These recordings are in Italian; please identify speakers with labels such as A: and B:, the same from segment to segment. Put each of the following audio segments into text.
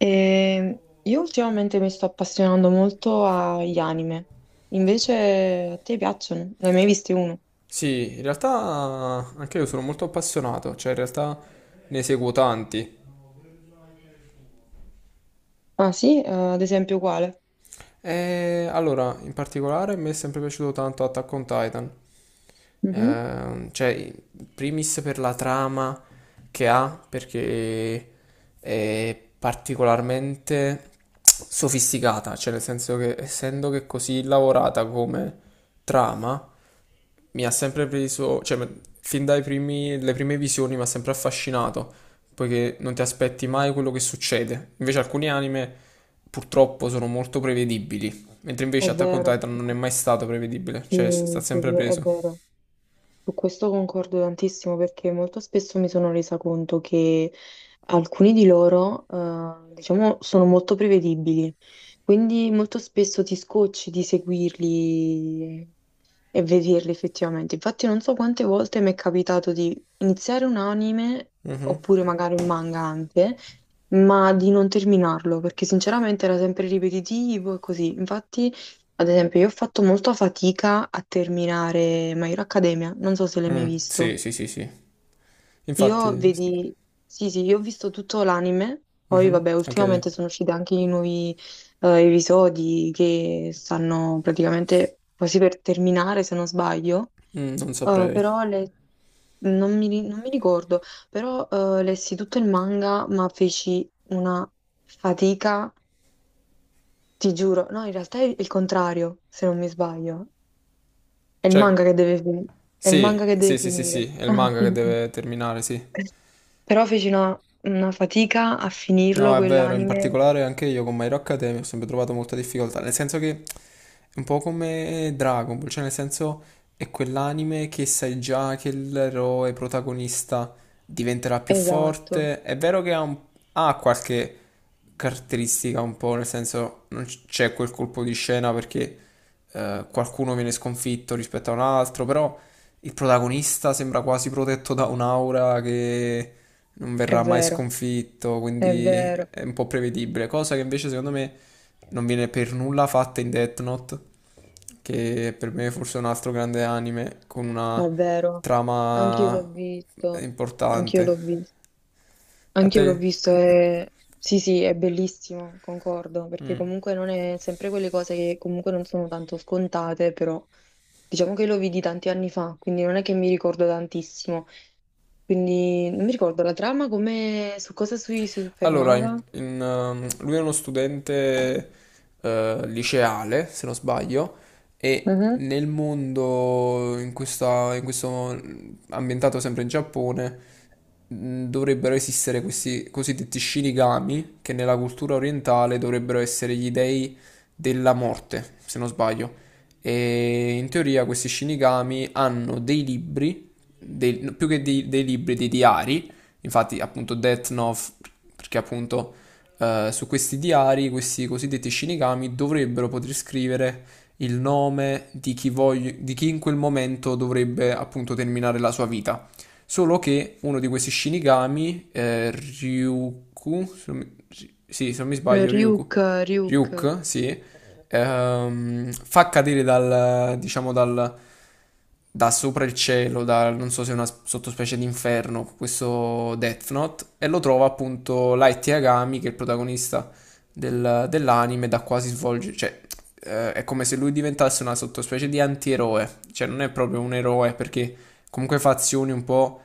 A: E io ultimamente mi sto appassionando molto agli anime. Invece a te piacciono? Ne hai mai visti uno?
B: Sì, in realtà anche io sono molto appassionato, cioè in realtà ne seguo tanti.
A: Ah sì? Ad esempio quale?
B: Allora, in particolare mi è sempre piaciuto tanto Attack on Titan,
A: Mhm.
B: cioè in primis per la trama che ha, perché è particolarmente sofisticata, cioè nel senso che essendo che è così lavorata come trama, mi ha sempre preso, cioè fin dai primi, le prime visioni mi ha sempre affascinato, poiché non ti aspetti mai quello che succede. Invece alcuni anime purtroppo sono molto prevedibili, mentre
A: È
B: invece Attack on
A: vero,
B: Titan non è mai stato prevedibile, cioè sta sempre
A: è
B: preso.
A: vero. Su questo concordo tantissimo, perché molto spesso mi sono resa conto che alcuni di loro, diciamo, sono molto prevedibili, quindi molto spesso ti scocci di seguirli e vederli effettivamente. Infatti non so quante volte mi è capitato di iniziare un anime,
B: Mhm.
A: oppure magari un manga anche, ma di non terminarlo, perché sinceramente era sempre ripetitivo e così. Infatti, ad esempio, io ho fatto molta fatica a terminare My Hero Academia, non so se l'hai mai
B: Mm,
A: visto.
B: sì, sì, sì, sì.
A: Io
B: Infatti,
A: vedi, sì, sì, io ho visto tutto l'anime, poi vabbè,
B: anche io.
A: ultimamente sono usciti anche i nuovi episodi che stanno praticamente quasi per terminare, se non sbaglio.
B: Mm, non saprei.
A: Però non mi ricordo, però lessi tutto il manga, ma feci una fatica, ti giuro. No, in realtà è il contrario, se non mi sbaglio. È il manga
B: Cioè,
A: che è il manga
B: sì,
A: che
B: sì,
A: deve
B: sì, sì,
A: finire.
B: sì, è il
A: Ah,
B: manga che
A: sì.
B: deve terminare, sì.
A: Però feci una fatica a
B: No,
A: finirlo
B: è vero, in
A: quell'anime.
B: particolare anche io con My Hero Academia ho sempre trovato molta difficoltà, nel senso che un po' come Dragon Ball, cioè nel senso è quell'anime che sai già che l'eroe protagonista diventerà più
A: Esatto,
B: forte. È vero che ha qualche caratteristica un po', nel senso non c- c'è quel colpo di scena perché qualcuno viene sconfitto rispetto a un altro, però il protagonista sembra quasi protetto da un'aura che non
A: è
B: verrà mai
A: vero,
B: sconfitto,
A: è
B: quindi
A: vero,
B: è un po' prevedibile, cosa che invece secondo me non viene per nulla fatta in Death Note, che per me è forse un altro grande anime con una
A: è vero. Anch'io l'ho
B: trama
A: visto, anch'io l'ho
B: importante.
A: visto.
B: E a
A: Anch'io
B: te?
A: l'ho visto e sì, sì, è bellissimo, concordo, perché
B: Mm.
A: comunque non è sempre quelle cose che comunque non sono tanto scontate, però diciamo che lo vidi tanti anni fa, quindi non è che mi ricordo tantissimo. Quindi non mi ricordo la trama, come su cosa si
B: Allora, in-
A: soffermava.
B: in, ehm, lui è uno studente liceale, se non sbaglio, e
A: Mhm.
B: nel mondo, in questo ambientato sempre in Giappone, dovrebbero esistere questi cosiddetti Shinigami, che nella cultura orientale dovrebbero essere gli dei della morte, se non sbaglio. E in teoria questi Shinigami hanno dei libri, no, più che dei libri, dei diari. Infatti, appunto, Death Note, perché appunto su questi diari, questi cosiddetti Shinigami dovrebbero poter scrivere il nome di chi, di chi in quel momento dovrebbe appunto terminare la sua vita. Solo che uno di questi Shinigami, Ryuku, se non mi- sì, se non mi sbaglio,
A: Ryuk,
B: Ryuku,
A: Ryuk.
B: Ryuk, sì, fa cadere dal, da sopra il cielo, da, non so se è una sottospecie di inferno, questo Death Note, e lo trova appunto Light Yagami, che è il protagonista dell'anime, da quasi svolge, cioè è come se lui diventasse una sottospecie di antieroe, cioè non è proprio un eroe perché comunque fa azioni un po'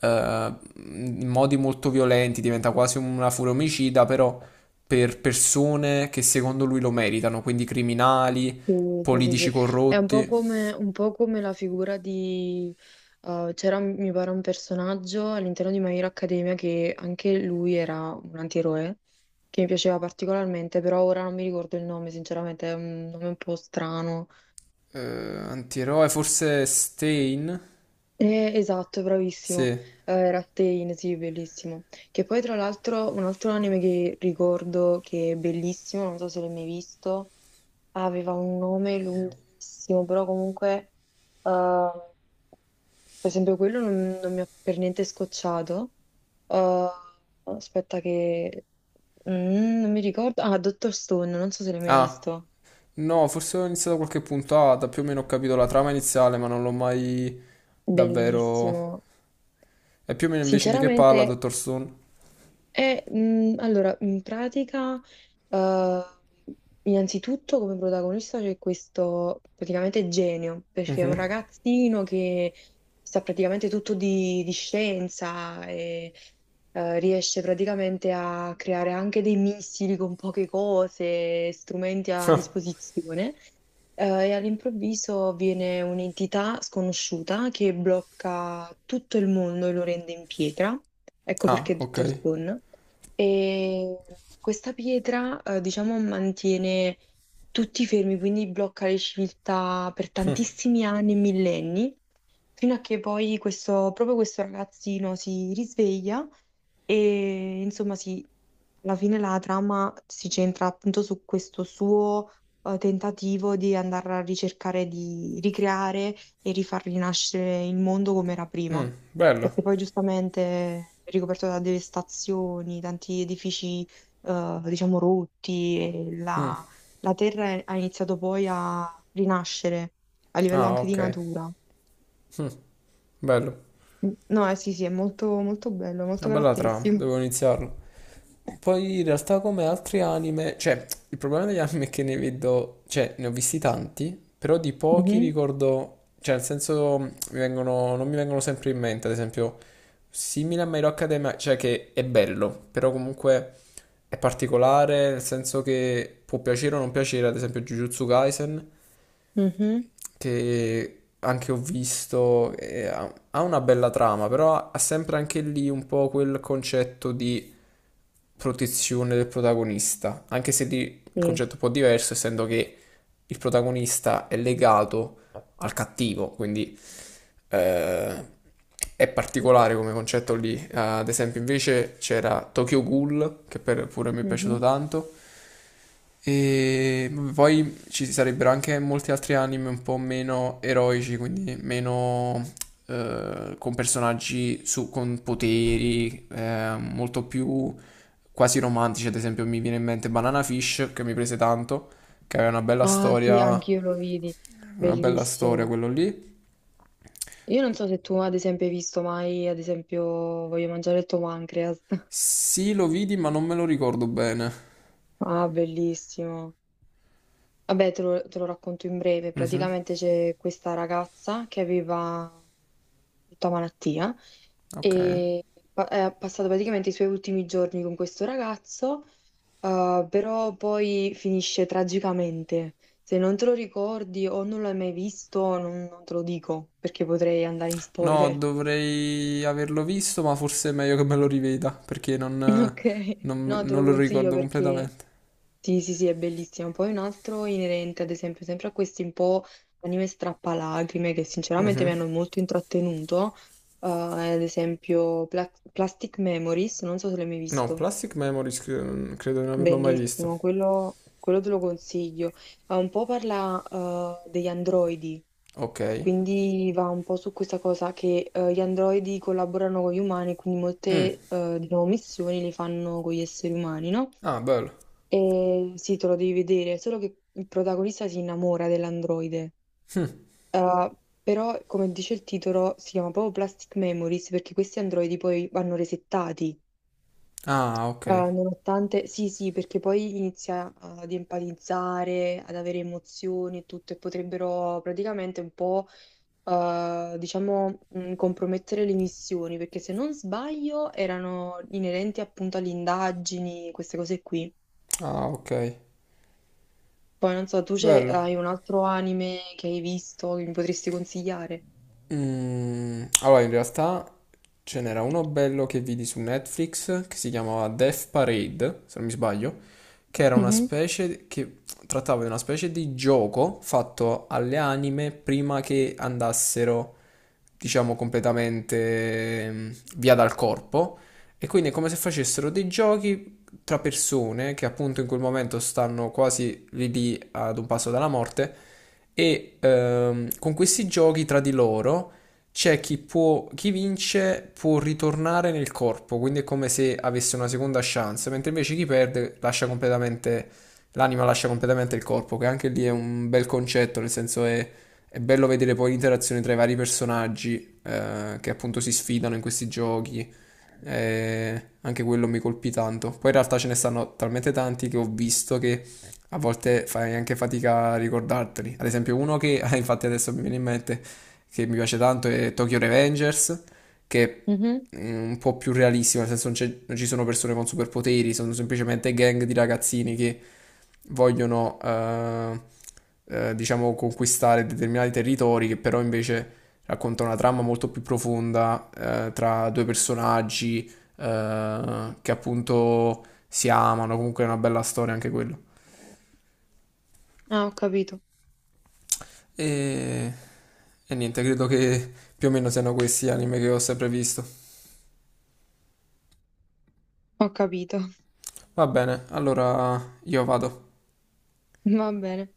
B: in modi molto violenti, diventa quasi una furia omicida, però per persone che secondo lui lo meritano, quindi criminali,
A: Sì, sì, sì,
B: politici
A: sì. È
B: corrotti,
A: un po' come la figura di... c'era, mi pare, un personaggio all'interno di My Hero Academia che anche lui era un antieroe, che mi piaceva particolarmente, però ora non mi ricordo il nome, sinceramente, è un nome un po' strano.
B: antieroe, forse Stein?
A: Esatto, bravissimo.
B: Sì.
A: Era Pain, sì, bellissimo. Che poi, tra l'altro, un altro anime che ricordo che è bellissimo, non so se l'hai mai visto, aveva un nome lunghissimo, però comunque... eh, per esempio, quello non mi ha per niente scocciato. Uh, aspetta che... Mm, non mi ricordo. Ah, Dottor Stone, non so se l'hai mai
B: Ah,
A: visto.
B: no, forse ho iniziato qualche puntata, più o meno ho capito la trama iniziale, ma non l'ho mai davvero...
A: Bellissimo.
B: E più o meno invece di che parla,
A: Sinceramente,
B: dottor Stone?
A: Allora, in pratica, eh, innanzitutto come protagonista c'è questo praticamente genio, perché è un ragazzino che sa praticamente tutto di scienza e riesce praticamente a creare anche dei missili con poche cose, strumenti a disposizione. E all'improvviso viene un'entità sconosciuta che blocca tutto il mondo e lo rende in pietra. Ecco
B: Ah,
A: perché è
B: ok.
A: detto Stone. E questa pietra, diciamo, mantiene tutti fermi, quindi blocca le civiltà per tantissimi anni e millenni. Fino a che poi questo, proprio questo ragazzino si risveglia e alla fine la trama si centra appunto su questo suo tentativo di andare a ricercare di ricreare e rifar rinascere il mondo come era prima,
B: Mm, bello.
A: perché poi giustamente è ricoperto da devastazioni, tanti edifici diciamo rotti e
B: Mm,
A: la terra ha iniziato poi a rinascere a livello
B: ah,
A: anche di
B: ok.
A: natura.
B: Mm, bello.
A: No, sì, sì, è molto, molto bello, molto
B: Una bella trama,
A: caratteristico.
B: devo iniziarla. Poi in realtà come altri anime, cioè il problema degli anime è che ne vedo, cioè ne ho visti tanti, però di pochi
A: Mhm,
B: ricordo, cioè nel senso mi vengono, non mi vengono sempre in mente, ad esempio simile a My Hero Academia, cioè che è bello, però comunque è particolare, nel senso che può piacere o non piacere, ad esempio Jujutsu Kaisen,
A: mhm,
B: che anche ho visto, ha una bella trama, però ha sempre anche lì un po' quel concetto di protezione del protagonista, anche se il
A: sì,
B: concetto è un po' diverso, essendo che il protagonista è legato al cattivo, quindi eh, è particolare come concetto lì. Ad esempio, invece c'era Tokyo Ghoul, che pure mi è piaciuto
A: mhm.
B: tanto, e poi ci sarebbero anche molti altri anime un po' meno eroici, quindi meno con personaggi con poteri, molto più quasi romantici. Ad esempio, mi viene in mente Banana Fish, che mi prese tanto, che aveva
A: Ah sì, anch'io lo vidi,
B: una bella storia
A: bellissimo.
B: quello lì.
A: Io non so se tu ad esempio hai visto mai, ad esempio, Voglio mangiare il tuo pancreas.
B: Sì, lo vidi, ma non me lo ricordo bene.
A: Ah, bellissimo. Vabbè, te lo racconto in breve.
B: Mhm,
A: Praticamente c'è questa ragazza che aveva tutta malattia
B: ok.
A: e ha passato praticamente i suoi ultimi giorni con questo ragazzo, però poi finisce tragicamente. Se non te lo ricordi o non l'hai mai visto, non te lo dico perché potrei andare in
B: No,
A: spoiler.
B: dovrei averlo visto, ma forse è meglio che me lo riveda perché
A: Ok, no, te lo
B: non lo
A: consiglio
B: ricordo
A: perché
B: completamente.
A: sì, sì, sì, è bellissimo. Poi un altro inerente, ad esempio, sempre a questi un po' anime strappalacrime che sinceramente mi
B: Mhm.
A: hanno molto intrattenuto, ad esempio Plastic Memories, non so se l'hai mai
B: No,
A: visto.
B: Plastic Memories credo di non averlo mai visto.
A: Bellissimo, quello te lo consiglio. Un po' parla degli androidi,
B: Ok.
A: quindi va un po' su questa cosa che gli androidi collaborano con gli umani, quindi
B: Mm.
A: molte, diciamo, missioni le fanno con gli esseri umani, no?
B: Ah, bello.
A: E sì, te lo devi vedere, solo che il protagonista si innamora dell'androide. Eh, però, come dice il titolo, si chiama proprio Plastic Memories perché questi androidi poi vanno resettati.
B: Ah, ok.
A: Nonostante, sì, sì, perché poi inizia ad empatizzare, ad avere emozioni e tutto, e potrebbero praticamente un po', diciamo, compromettere le missioni, perché se non sbaglio erano inerenti appunto alle indagini, queste cose qui.
B: Ah, ok.
A: Poi non so,
B: Bello.
A: hai un altro anime che hai visto che mi potresti consigliare?
B: Mm, allora, in realtà ce n'era uno bello che vidi su Netflix che si chiamava Death Parade, se non mi sbaglio, che era una
A: Mhm,
B: specie che trattava di una specie di gioco fatto alle anime prima che andassero, diciamo, completamente mm, via dal corpo. E quindi è come se facessero dei giochi tra persone che appunto in quel momento stanno quasi lì lì ad un passo dalla morte e con questi giochi tra di loro c'è chi può, chi vince può ritornare nel corpo, quindi è come se avesse una seconda chance, mentre invece chi perde lascia completamente, l'anima lascia completamente il corpo, che anche lì è un bel concetto, nel senso è bello vedere poi l'interazione tra i vari personaggi che appunto si sfidano in questi giochi anche quello mi colpì tanto. Poi in realtà ce ne stanno talmente tanti che ho visto che a volte fai anche fatica a ricordarteli. Ad esempio, uno che infatti adesso mi viene in mente che mi piace tanto è Tokyo Revengers, che
A: mhm.
B: è un po' più realistico, nel senso non ci sono persone con superpoteri, sono semplicemente gang di ragazzini che vogliono, diciamo, conquistare determinati territori, che però invece racconta una trama molto più profonda tra due personaggi che appunto si amano, comunque è una bella storia anche quello.
A: Ah, ho capito,
B: E, e niente, credo che più o meno siano questi gli anime che ho sempre visto.
A: ho capito.
B: Va bene, allora io vado.
A: Va bene.